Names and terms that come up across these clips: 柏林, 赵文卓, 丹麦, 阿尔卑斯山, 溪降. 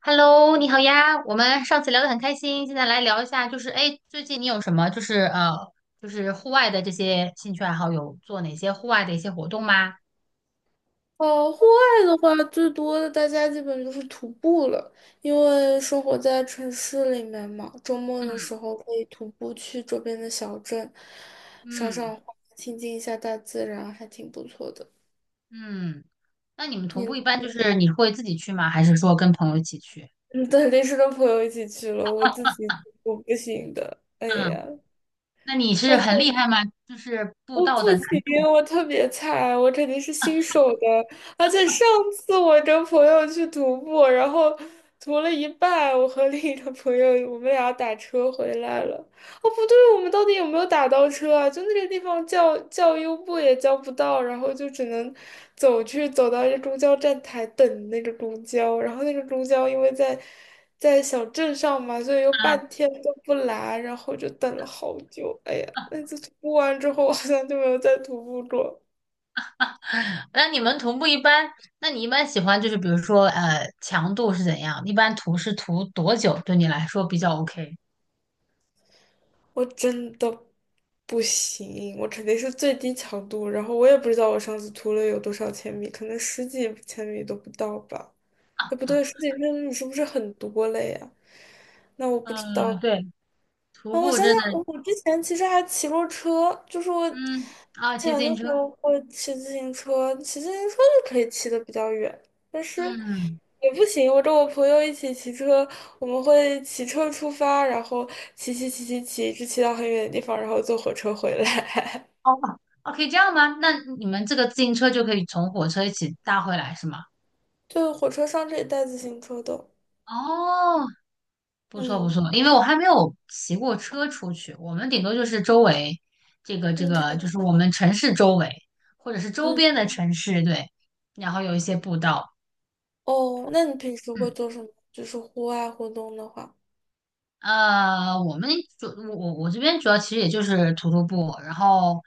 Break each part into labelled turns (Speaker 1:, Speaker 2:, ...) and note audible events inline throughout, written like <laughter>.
Speaker 1: Hello，你好呀，我们上次聊得很开心，现在来聊一下，就是哎，诶最近你有什么就是就是户外的这些兴趣爱好，有做哪些户外的一些活动吗？
Speaker 2: 哦，户外的话，最多的大家基本就是徒步了，因为生活在城市里面嘛，周末的时
Speaker 1: 嗯
Speaker 2: 候可以徒步去周边的小镇，赏
Speaker 1: 嗯，
Speaker 2: 赏花，亲近一下大自然，还挺不错的。
Speaker 1: 嗯。那你们徒步一
Speaker 2: 你
Speaker 1: 般就是你会自己去吗？还是说跟朋友一起去？
Speaker 2: 你肯定是跟 <laughs> 朋友一起去了，我自
Speaker 1: <laughs>
Speaker 2: 己我不行的，哎呀。
Speaker 1: 嗯，那你是很厉害吗？就是步
Speaker 2: 我
Speaker 1: 道
Speaker 2: 不
Speaker 1: 的难
Speaker 2: 行，
Speaker 1: 度
Speaker 2: 我特别菜，我肯定是新手的。而且上次我跟朋友去徒步，然后徒了一半，我和另一个朋友，我们俩打车回来了。哦，不对，我们到底有没有打到车啊？就那个地方叫优步也叫不到，然后就只能走到一个公交站台等那个公交，然后那个公交因为在小镇上嘛，所以又
Speaker 1: 啊，
Speaker 2: 半天都不来，然后就等了好久。哎呀，那次徒步完之后，我好像就没有再徒步过。
Speaker 1: 那你们徒步一般，那你一般喜欢就是比如说强度是怎样？一般徒是徒多久？对你来说比较 OK？
Speaker 2: 我真的不行，我肯定是最低强度，然后我也不知道我上次徒了有多少千米，可能十几千米都不到吧。哎，不
Speaker 1: 啊
Speaker 2: 对，十几天你是不是很多了呀？那我不知
Speaker 1: 嗯，
Speaker 2: 道
Speaker 1: 对。徒
Speaker 2: 啊，我
Speaker 1: 步
Speaker 2: 想想，
Speaker 1: 真的，
Speaker 2: 我之前其实还骑过车，就是我之
Speaker 1: 嗯，啊，骑自
Speaker 2: 前
Speaker 1: 行
Speaker 2: 的时
Speaker 1: 车，
Speaker 2: 候会骑自行车，骑自行车就可以骑的比较远，但是
Speaker 1: 嗯，
Speaker 2: 也不行。我跟我朋友一起骑车，我们会骑车出发，然后骑骑骑骑骑，一直骑到很远的地方，然后坐火车回来。
Speaker 1: 哦,可以这样吗？那你们这个自行车就可以从火车一起搭回来是吗？
Speaker 2: <laughs> 对，火车上这以带自行车的。
Speaker 1: 哦，不错不
Speaker 2: 嗯
Speaker 1: 错，因为我还没有骑过车出去，我们顶多就是周围，这个这
Speaker 2: 嗯，
Speaker 1: 个
Speaker 2: 它
Speaker 1: 就是我们城市周围，或者是周
Speaker 2: 嗯。
Speaker 1: 边的城市，对，然后有一些步道，
Speaker 2: 哦，那你平时会
Speaker 1: 嗯。
Speaker 2: 做什么？就是户外活动的话，
Speaker 1: 呃，我们主我我我这边主要其实也就是徒步，然后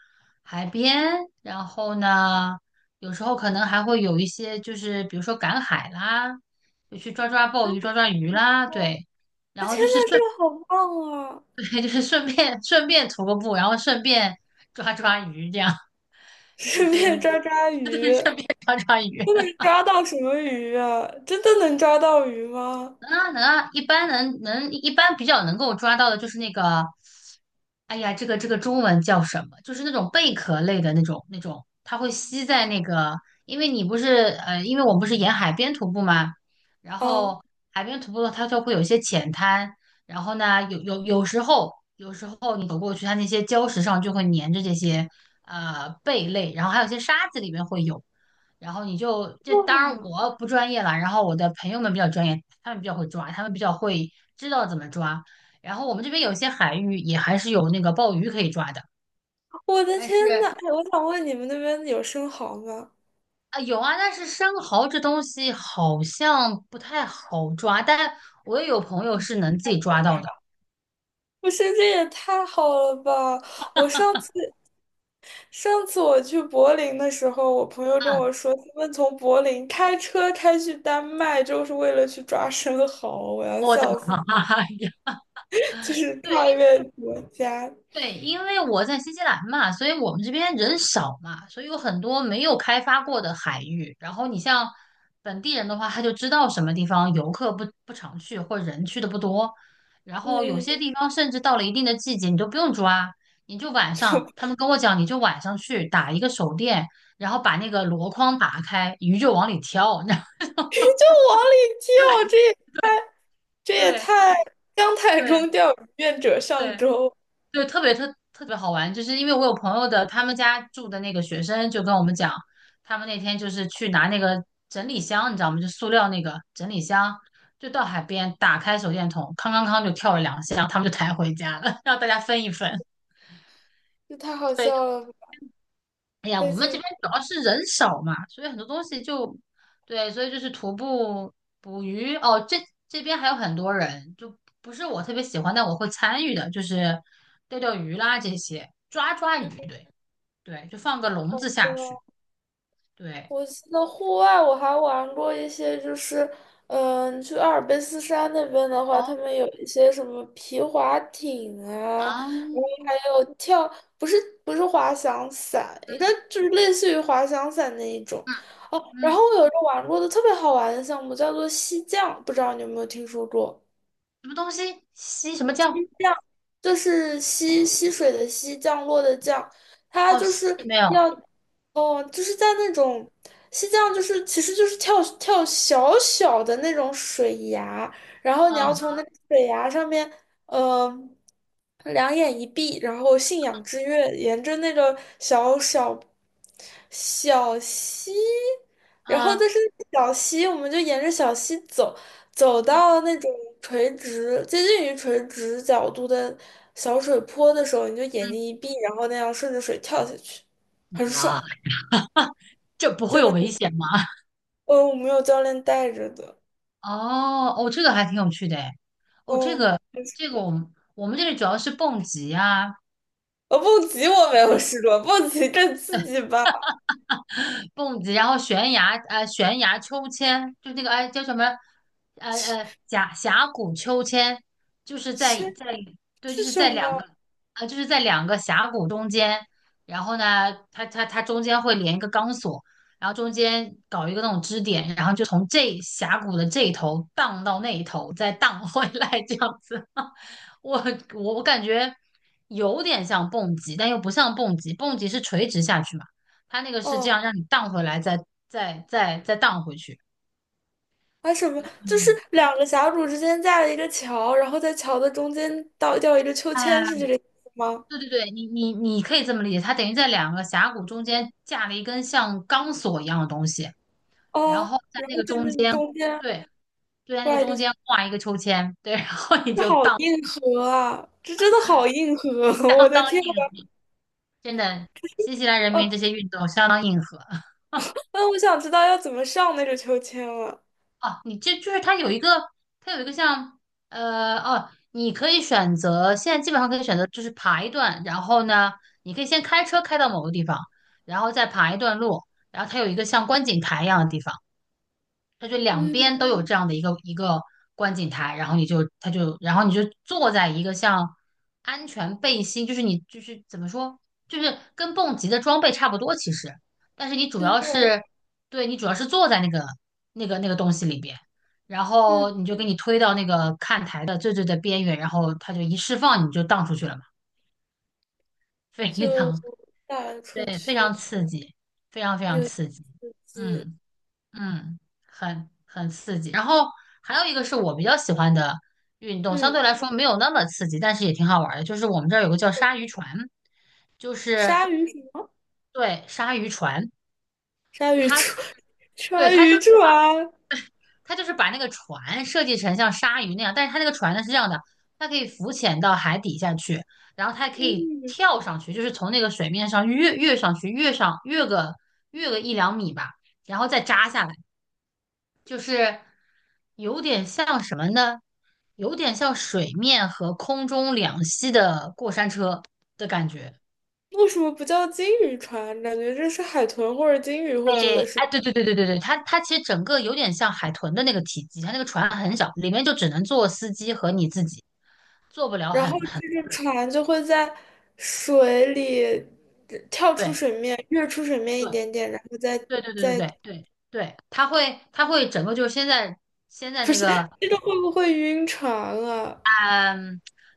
Speaker 1: 海边，然后呢，有时候可能还会有一些就是比如说赶海啦，就去抓抓鲍鱼、抓抓鱼啦，对
Speaker 2: 啊，天呐，这个好棒啊！
Speaker 1: <laughs> 对，就是顺便徒个步，然后顺便抓抓鱼，这样
Speaker 2: <laughs>
Speaker 1: 就
Speaker 2: 顺
Speaker 1: 是
Speaker 2: 便抓抓鱼，
Speaker 1: <laughs> 顺便抓抓鱼。
Speaker 2: 都能抓到什么鱼啊？真的能抓到鱼吗？
Speaker 1: 能啊能啊，一般能一般比较能够抓到的就是那个，哎呀，这个中文叫什么？就是那种贝壳类的那种，它会吸在那个，因为你不是因为我们不是沿海边徒步嘛，然
Speaker 2: 啊，
Speaker 1: 后海边徒步的话它就会有一些浅滩，然后呢，有时候你走过去，它那些礁石上就会粘着这些贝类，然后还有一些沙子里面会有。然后你就这当然
Speaker 2: 哇！
Speaker 1: 我不专业啦，然后我的朋友们比较专业，他们比较会抓，他们比较会知道怎么抓。然后我们这边有些海域也还是有那个鲍鱼可以抓的，
Speaker 2: 我的
Speaker 1: 但
Speaker 2: 天
Speaker 1: 是
Speaker 2: 呐，哎，我想问你们那边有生蚝吗？
Speaker 1: 啊有啊，但是生蚝这东西好像不太好抓，但我也有朋友是能自己抓到的。
Speaker 2: 不是，这也太好了吧！我上次我去柏林的时候，我朋友跟
Speaker 1: 嗯，
Speaker 2: 我说，他们从柏林开车开去丹麦，就是为了去抓生蚝，我要
Speaker 1: 我的
Speaker 2: 笑死。
Speaker 1: 妈呀！
Speaker 2: 就是跨
Speaker 1: <laughs>
Speaker 2: 越国家，
Speaker 1: 对，因为我在新西兰嘛，所以我们这边人少嘛，所以有很多没有开发过的海域。然后你像本地人的话，他就知道什么地方游客不常去，或者人去的不多。然后有
Speaker 2: 嗯，
Speaker 1: 些地
Speaker 2: <laughs>
Speaker 1: 方甚至到了一定的季节，你都不用抓，你就晚上，
Speaker 2: 就
Speaker 1: 他们跟我讲，你就晚上去打一个手电，然后把那个箩筐打开，鱼就往里跳。
Speaker 2: 往里跳，这也太，这
Speaker 1: <laughs>
Speaker 2: 也
Speaker 1: 对
Speaker 2: 太姜太中
Speaker 1: 对
Speaker 2: 钓鱼愿者上
Speaker 1: 对，
Speaker 2: 钩，
Speaker 1: 对，特别好玩，就是因为我有朋友的，他们家住的那个学生就跟我们讲，他们那天就是去拿那个整理箱，你知道吗？就塑料那个整理箱，就到海边打开手电筒，康康康就跳了两下，他们就抬回家了，<laughs> 让大家分一分。
Speaker 2: 这太好
Speaker 1: 对，就
Speaker 2: 笑了
Speaker 1: 哎呀，
Speaker 2: 太
Speaker 1: 我们这
Speaker 2: 幸
Speaker 1: 边
Speaker 2: 福，
Speaker 1: 主要是人少嘛，所以很多东西就对，所以就是徒步、捕鱼哦，这边还有很多人，就不是我特别喜欢，但我会参与的，就是钓钓鱼啦这些，抓抓鱼，
Speaker 2: 太
Speaker 1: 对。对，就放个笼子
Speaker 2: 好笑
Speaker 1: 下去。
Speaker 2: 了。
Speaker 1: 对，
Speaker 2: 我记得户外我还玩过一些，就是嗯，去阿尔卑斯山那边的话，
Speaker 1: 哦
Speaker 2: 他们有一些什么皮划艇啊，
Speaker 1: 啊，
Speaker 2: 然后
Speaker 1: 嗯
Speaker 2: 还有跳，不是不是滑翔伞，应该就是类似于滑翔伞那一种。哦，然
Speaker 1: 嗯，
Speaker 2: 后我有一个玩过的特别好玩的项目，叫做溪降，不知道你有没有听说过？
Speaker 1: 什么东西？吸什么酱？
Speaker 2: 就是溪，溪水的溪，降落的降，它
Speaker 1: 哦，
Speaker 2: 就
Speaker 1: 吸
Speaker 2: 是
Speaker 1: 没有。
Speaker 2: 要，哦，就是在那种溪降，就是其实就是跳跳小小的那种水崖，然后你要
Speaker 1: 嗯
Speaker 2: 从那个水崖上面，呃，两眼一闭，然后信仰之跃，沿着那个小溪，然后但
Speaker 1: 嗯
Speaker 2: 是小溪，我们就沿着小溪走，走
Speaker 1: 嗯
Speaker 2: 到那种垂直、接近于垂直角度的小水坡的时候，你就眼睛
Speaker 1: 嗯，
Speaker 2: 一闭，然后那样顺着水跳下去，很
Speaker 1: 妈，
Speaker 2: 爽，
Speaker 1: 这不会
Speaker 2: 真
Speaker 1: 有
Speaker 2: 的
Speaker 1: 危
Speaker 2: 很。
Speaker 1: 险吗？<laughs>
Speaker 2: 嗯，我没有教练带着的。
Speaker 1: 哦哦，这个还挺有趣的诶。哦，这
Speaker 2: 哦，
Speaker 1: 个这个我们我们这里主要是蹦极啊，
Speaker 2: 蹦极我没有试过，蹦极更刺激吧？
Speaker 1: 蹦极，然后悬崖，悬崖秋千，就那个，哎，叫什么？
Speaker 2: 是
Speaker 1: 峡谷秋千，就是在
Speaker 2: 是
Speaker 1: 对，就
Speaker 2: 是
Speaker 1: 是
Speaker 2: 什
Speaker 1: 在两
Speaker 2: 么？
Speaker 1: 个，就是在两个峡谷中间，然后呢，它中间会连一个钢索，然后中间搞一个那种支点，然后就从这峡谷的这一头荡到那一头，再荡回来这样子。<laughs> 我我感觉有点像蹦极，但又不像蹦极，蹦极是垂直下去嘛。它那个是这
Speaker 2: 哦，
Speaker 1: 样让你荡回来，再再荡回去。
Speaker 2: 还什么？就是
Speaker 1: 嗯，
Speaker 2: 两个峡谷之间架了一个桥，然后在桥的中间倒吊一个秋千，是
Speaker 1: 啊，
Speaker 2: 这个意思吗？
Speaker 1: 对对对，你可以这么理解，它等于在两个峡谷中间架了一根像钢索一样的东西，然
Speaker 2: 哦，
Speaker 1: 后在
Speaker 2: 然
Speaker 1: 那
Speaker 2: 后
Speaker 1: 个
Speaker 2: 在
Speaker 1: 中
Speaker 2: 那
Speaker 1: 间，
Speaker 2: 中间
Speaker 1: 对，就在那个
Speaker 2: 挂一
Speaker 1: 中
Speaker 2: 个。
Speaker 1: 间挂一个秋千，对，然后你
Speaker 2: 这
Speaker 1: 就
Speaker 2: 好
Speaker 1: 荡，
Speaker 2: 硬核啊！这真的好硬核，<laughs> 我
Speaker 1: 相
Speaker 2: 的
Speaker 1: 当
Speaker 2: 天呐！
Speaker 1: 硬核真的，新西兰人民
Speaker 2: 哦，
Speaker 1: 这些运动相当硬核。<laughs>
Speaker 2: 那我想知道要怎么上那个秋千了。
Speaker 1: 哦，你这就是它有一个，它有一个像你可以选择，现在基本上可以选择就是爬一段，然后呢，你可以先开车开到某个地方，然后再爬一段路，然后它有一个像观景台一样的地方。它就两边
Speaker 2: 嗯
Speaker 1: 都有这样的一个观景台，然后你就它就然后你就坐在一个像安全背心，就是你就是怎么说，就是跟蹦极的装备差不多其实，但是你主
Speaker 2: 嗯
Speaker 1: 要是对你主要是坐在那个那个东西里边，然
Speaker 2: 嗯，
Speaker 1: 后你就给你推到那个看台的最的边缘，然后它就一释放你就荡出去了嘛，非
Speaker 2: 就
Speaker 1: 常
Speaker 2: 打
Speaker 1: <laughs>
Speaker 2: 出
Speaker 1: 对非
Speaker 2: 去，
Speaker 1: 常刺激，非常非常
Speaker 2: 有
Speaker 1: 刺激，
Speaker 2: 刺激。
Speaker 1: 嗯。嗯，很很刺激。然后还有一个是我比较喜欢的运动，相
Speaker 2: 嗯，
Speaker 1: 对来说没有那么刺激，但是也挺好玩儿的。就是我们这儿有个叫鲨
Speaker 2: 嗯
Speaker 1: 鱼船，就是
Speaker 2: 鲨鱼船，
Speaker 1: 对鲨鱼船，
Speaker 2: 鲨鱼
Speaker 1: 它就
Speaker 2: 船，
Speaker 1: 是
Speaker 2: <laughs>
Speaker 1: 对
Speaker 2: 鲨
Speaker 1: 它就
Speaker 2: 鱼
Speaker 1: 是
Speaker 2: 船。
Speaker 1: 把那个船设计成像鲨鱼那样，但是它那个船呢是这样的，它可以浮潜到海底下去，然后它还可以
Speaker 2: 嗯，
Speaker 1: 跳上去，就是从那个水面上跃上去，跃个一两米吧，然后再扎下来。就是有点像什么呢？有点像水面和空中两栖的过山车的感觉。
Speaker 2: 为什么不叫金鱼船？感觉这是海豚或者金鱼
Speaker 1: 哎
Speaker 2: 会做的事情。
Speaker 1: 哎，对对对对对对，它它其实整个有点像海豚的那个体积，它那个船很小，里面就只能坐司机和你自己，坐不了
Speaker 2: 然
Speaker 1: 很
Speaker 2: 后
Speaker 1: 很
Speaker 2: 这个船就会在水里跳出
Speaker 1: 对
Speaker 2: 水面，跃出水面一点
Speaker 1: 对
Speaker 2: 点，然后再
Speaker 1: 对对对对
Speaker 2: 再。
Speaker 1: 对对对，它会整个就是现在现在那个
Speaker 2: 这个会不会晕船啊？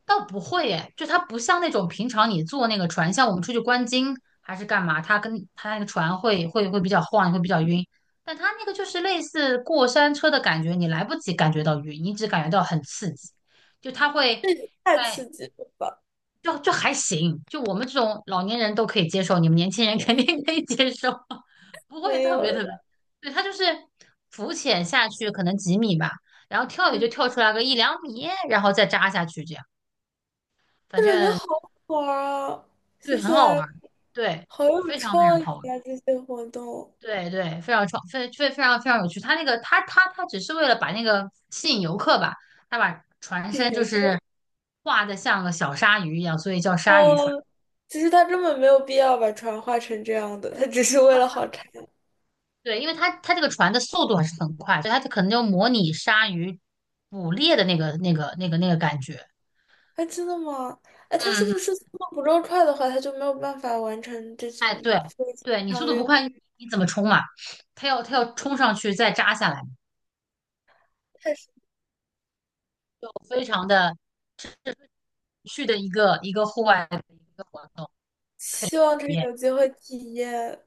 Speaker 1: 倒不会诶，就它不像那种平常你坐那个船，像我们出去观鲸还是干嘛，它跟它那个船会比较晃，会比较晕。但它那个就是类似过山车的感觉，你来不及感觉到晕，你只感觉到很刺激。就它会
Speaker 2: 太
Speaker 1: 在
Speaker 2: 刺激了吧！
Speaker 1: 就还行，就我们这种老年人都可以接受，你们年轻人肯定可以接受，<laughs> 不会
Speaker 2: 没
Speaker 1: 特
Speaker 2: 有
Speaker 1: 别特别。
Speaker 2: 了，
Speaker 1: 对，它就是浮潜下去可能几米吧，然后跳也
Speaker 2: 嗯，
Speaker 1: 就跳出来个一两米，然后再扎下去这样。反
Speaker 2: 我感觉
Speaker 1: 正
Speaker 2: 好好玩儿啊！
Speaker 1: 对，
Speaker 2: 谢
Speaker 1: 很
Speaker 2: 谢，
Speaker 1: 好玩儿，对，
Speaker 2: 好有
Speaker 1: 非常非常
Speaker 2: 创意
Speaker 1: 好玩儿，
Speaker 2: 啊！这些活动，
Speaker 1: 对对，非常创，非常非常有趣。他那个，他只是为了把那个吸引游客吧，他把船身就
Speaker 2: 有
Speaker 1: 是画的像个小鲨鱼一样，所以叫鲨鱼
Speaker 2: 哦，
Speaker 1: 船。
Speaker 2: 其实他根本没有必要把船画成这样的，他只是为了好看。
Speaker 1: 对，因为它这个船的速度还是很快，所以它可能就模拟鲨鱼捕猎的那个感觉。
Speaker 2: 哎，真的吗？哎，他是
Speaker 1: 嗯
Speaker 2: 不
Speaker 1: 嗯，
Speaker 2: 是速度不够快的话，他就没有办法完成这种
Speaker 1: 哎，对
Speaker 2: 飞行
Speaker 1: 对，你速
Speaker 2: 跳
Speaker 1: 度不
Speaker 2: 跃？
Speaker 1: 快，你你怎么冲嘛？它要冲上去再扎下来，
Speaker 2: 太
Speaker 1: 非常的有趣的一个户外的一个活动。很
Speaker 2: 希望他
Speaker 1: 耶。
Speaker 2: 有机会体验。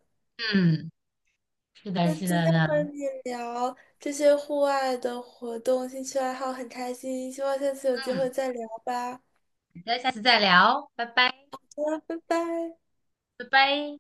Speaker 1: 嗯，是的，
Speaker 2: 那
Speaker 1: 是
Speaker 2: 今
Speaker 1: 的
Speaker 2: 天和
Speaker 1: 呢。
Speaker 2: 你聊这些户外的活动、兴趣爱好，很开心，希望下次有机会
Speaker 1: 嗯，
Speaker 2: 再聊吧，
Speaker 1: 那下次再聊，拜拜，
Speaker 2: 拜拜。
Speaker 1: 拜拜。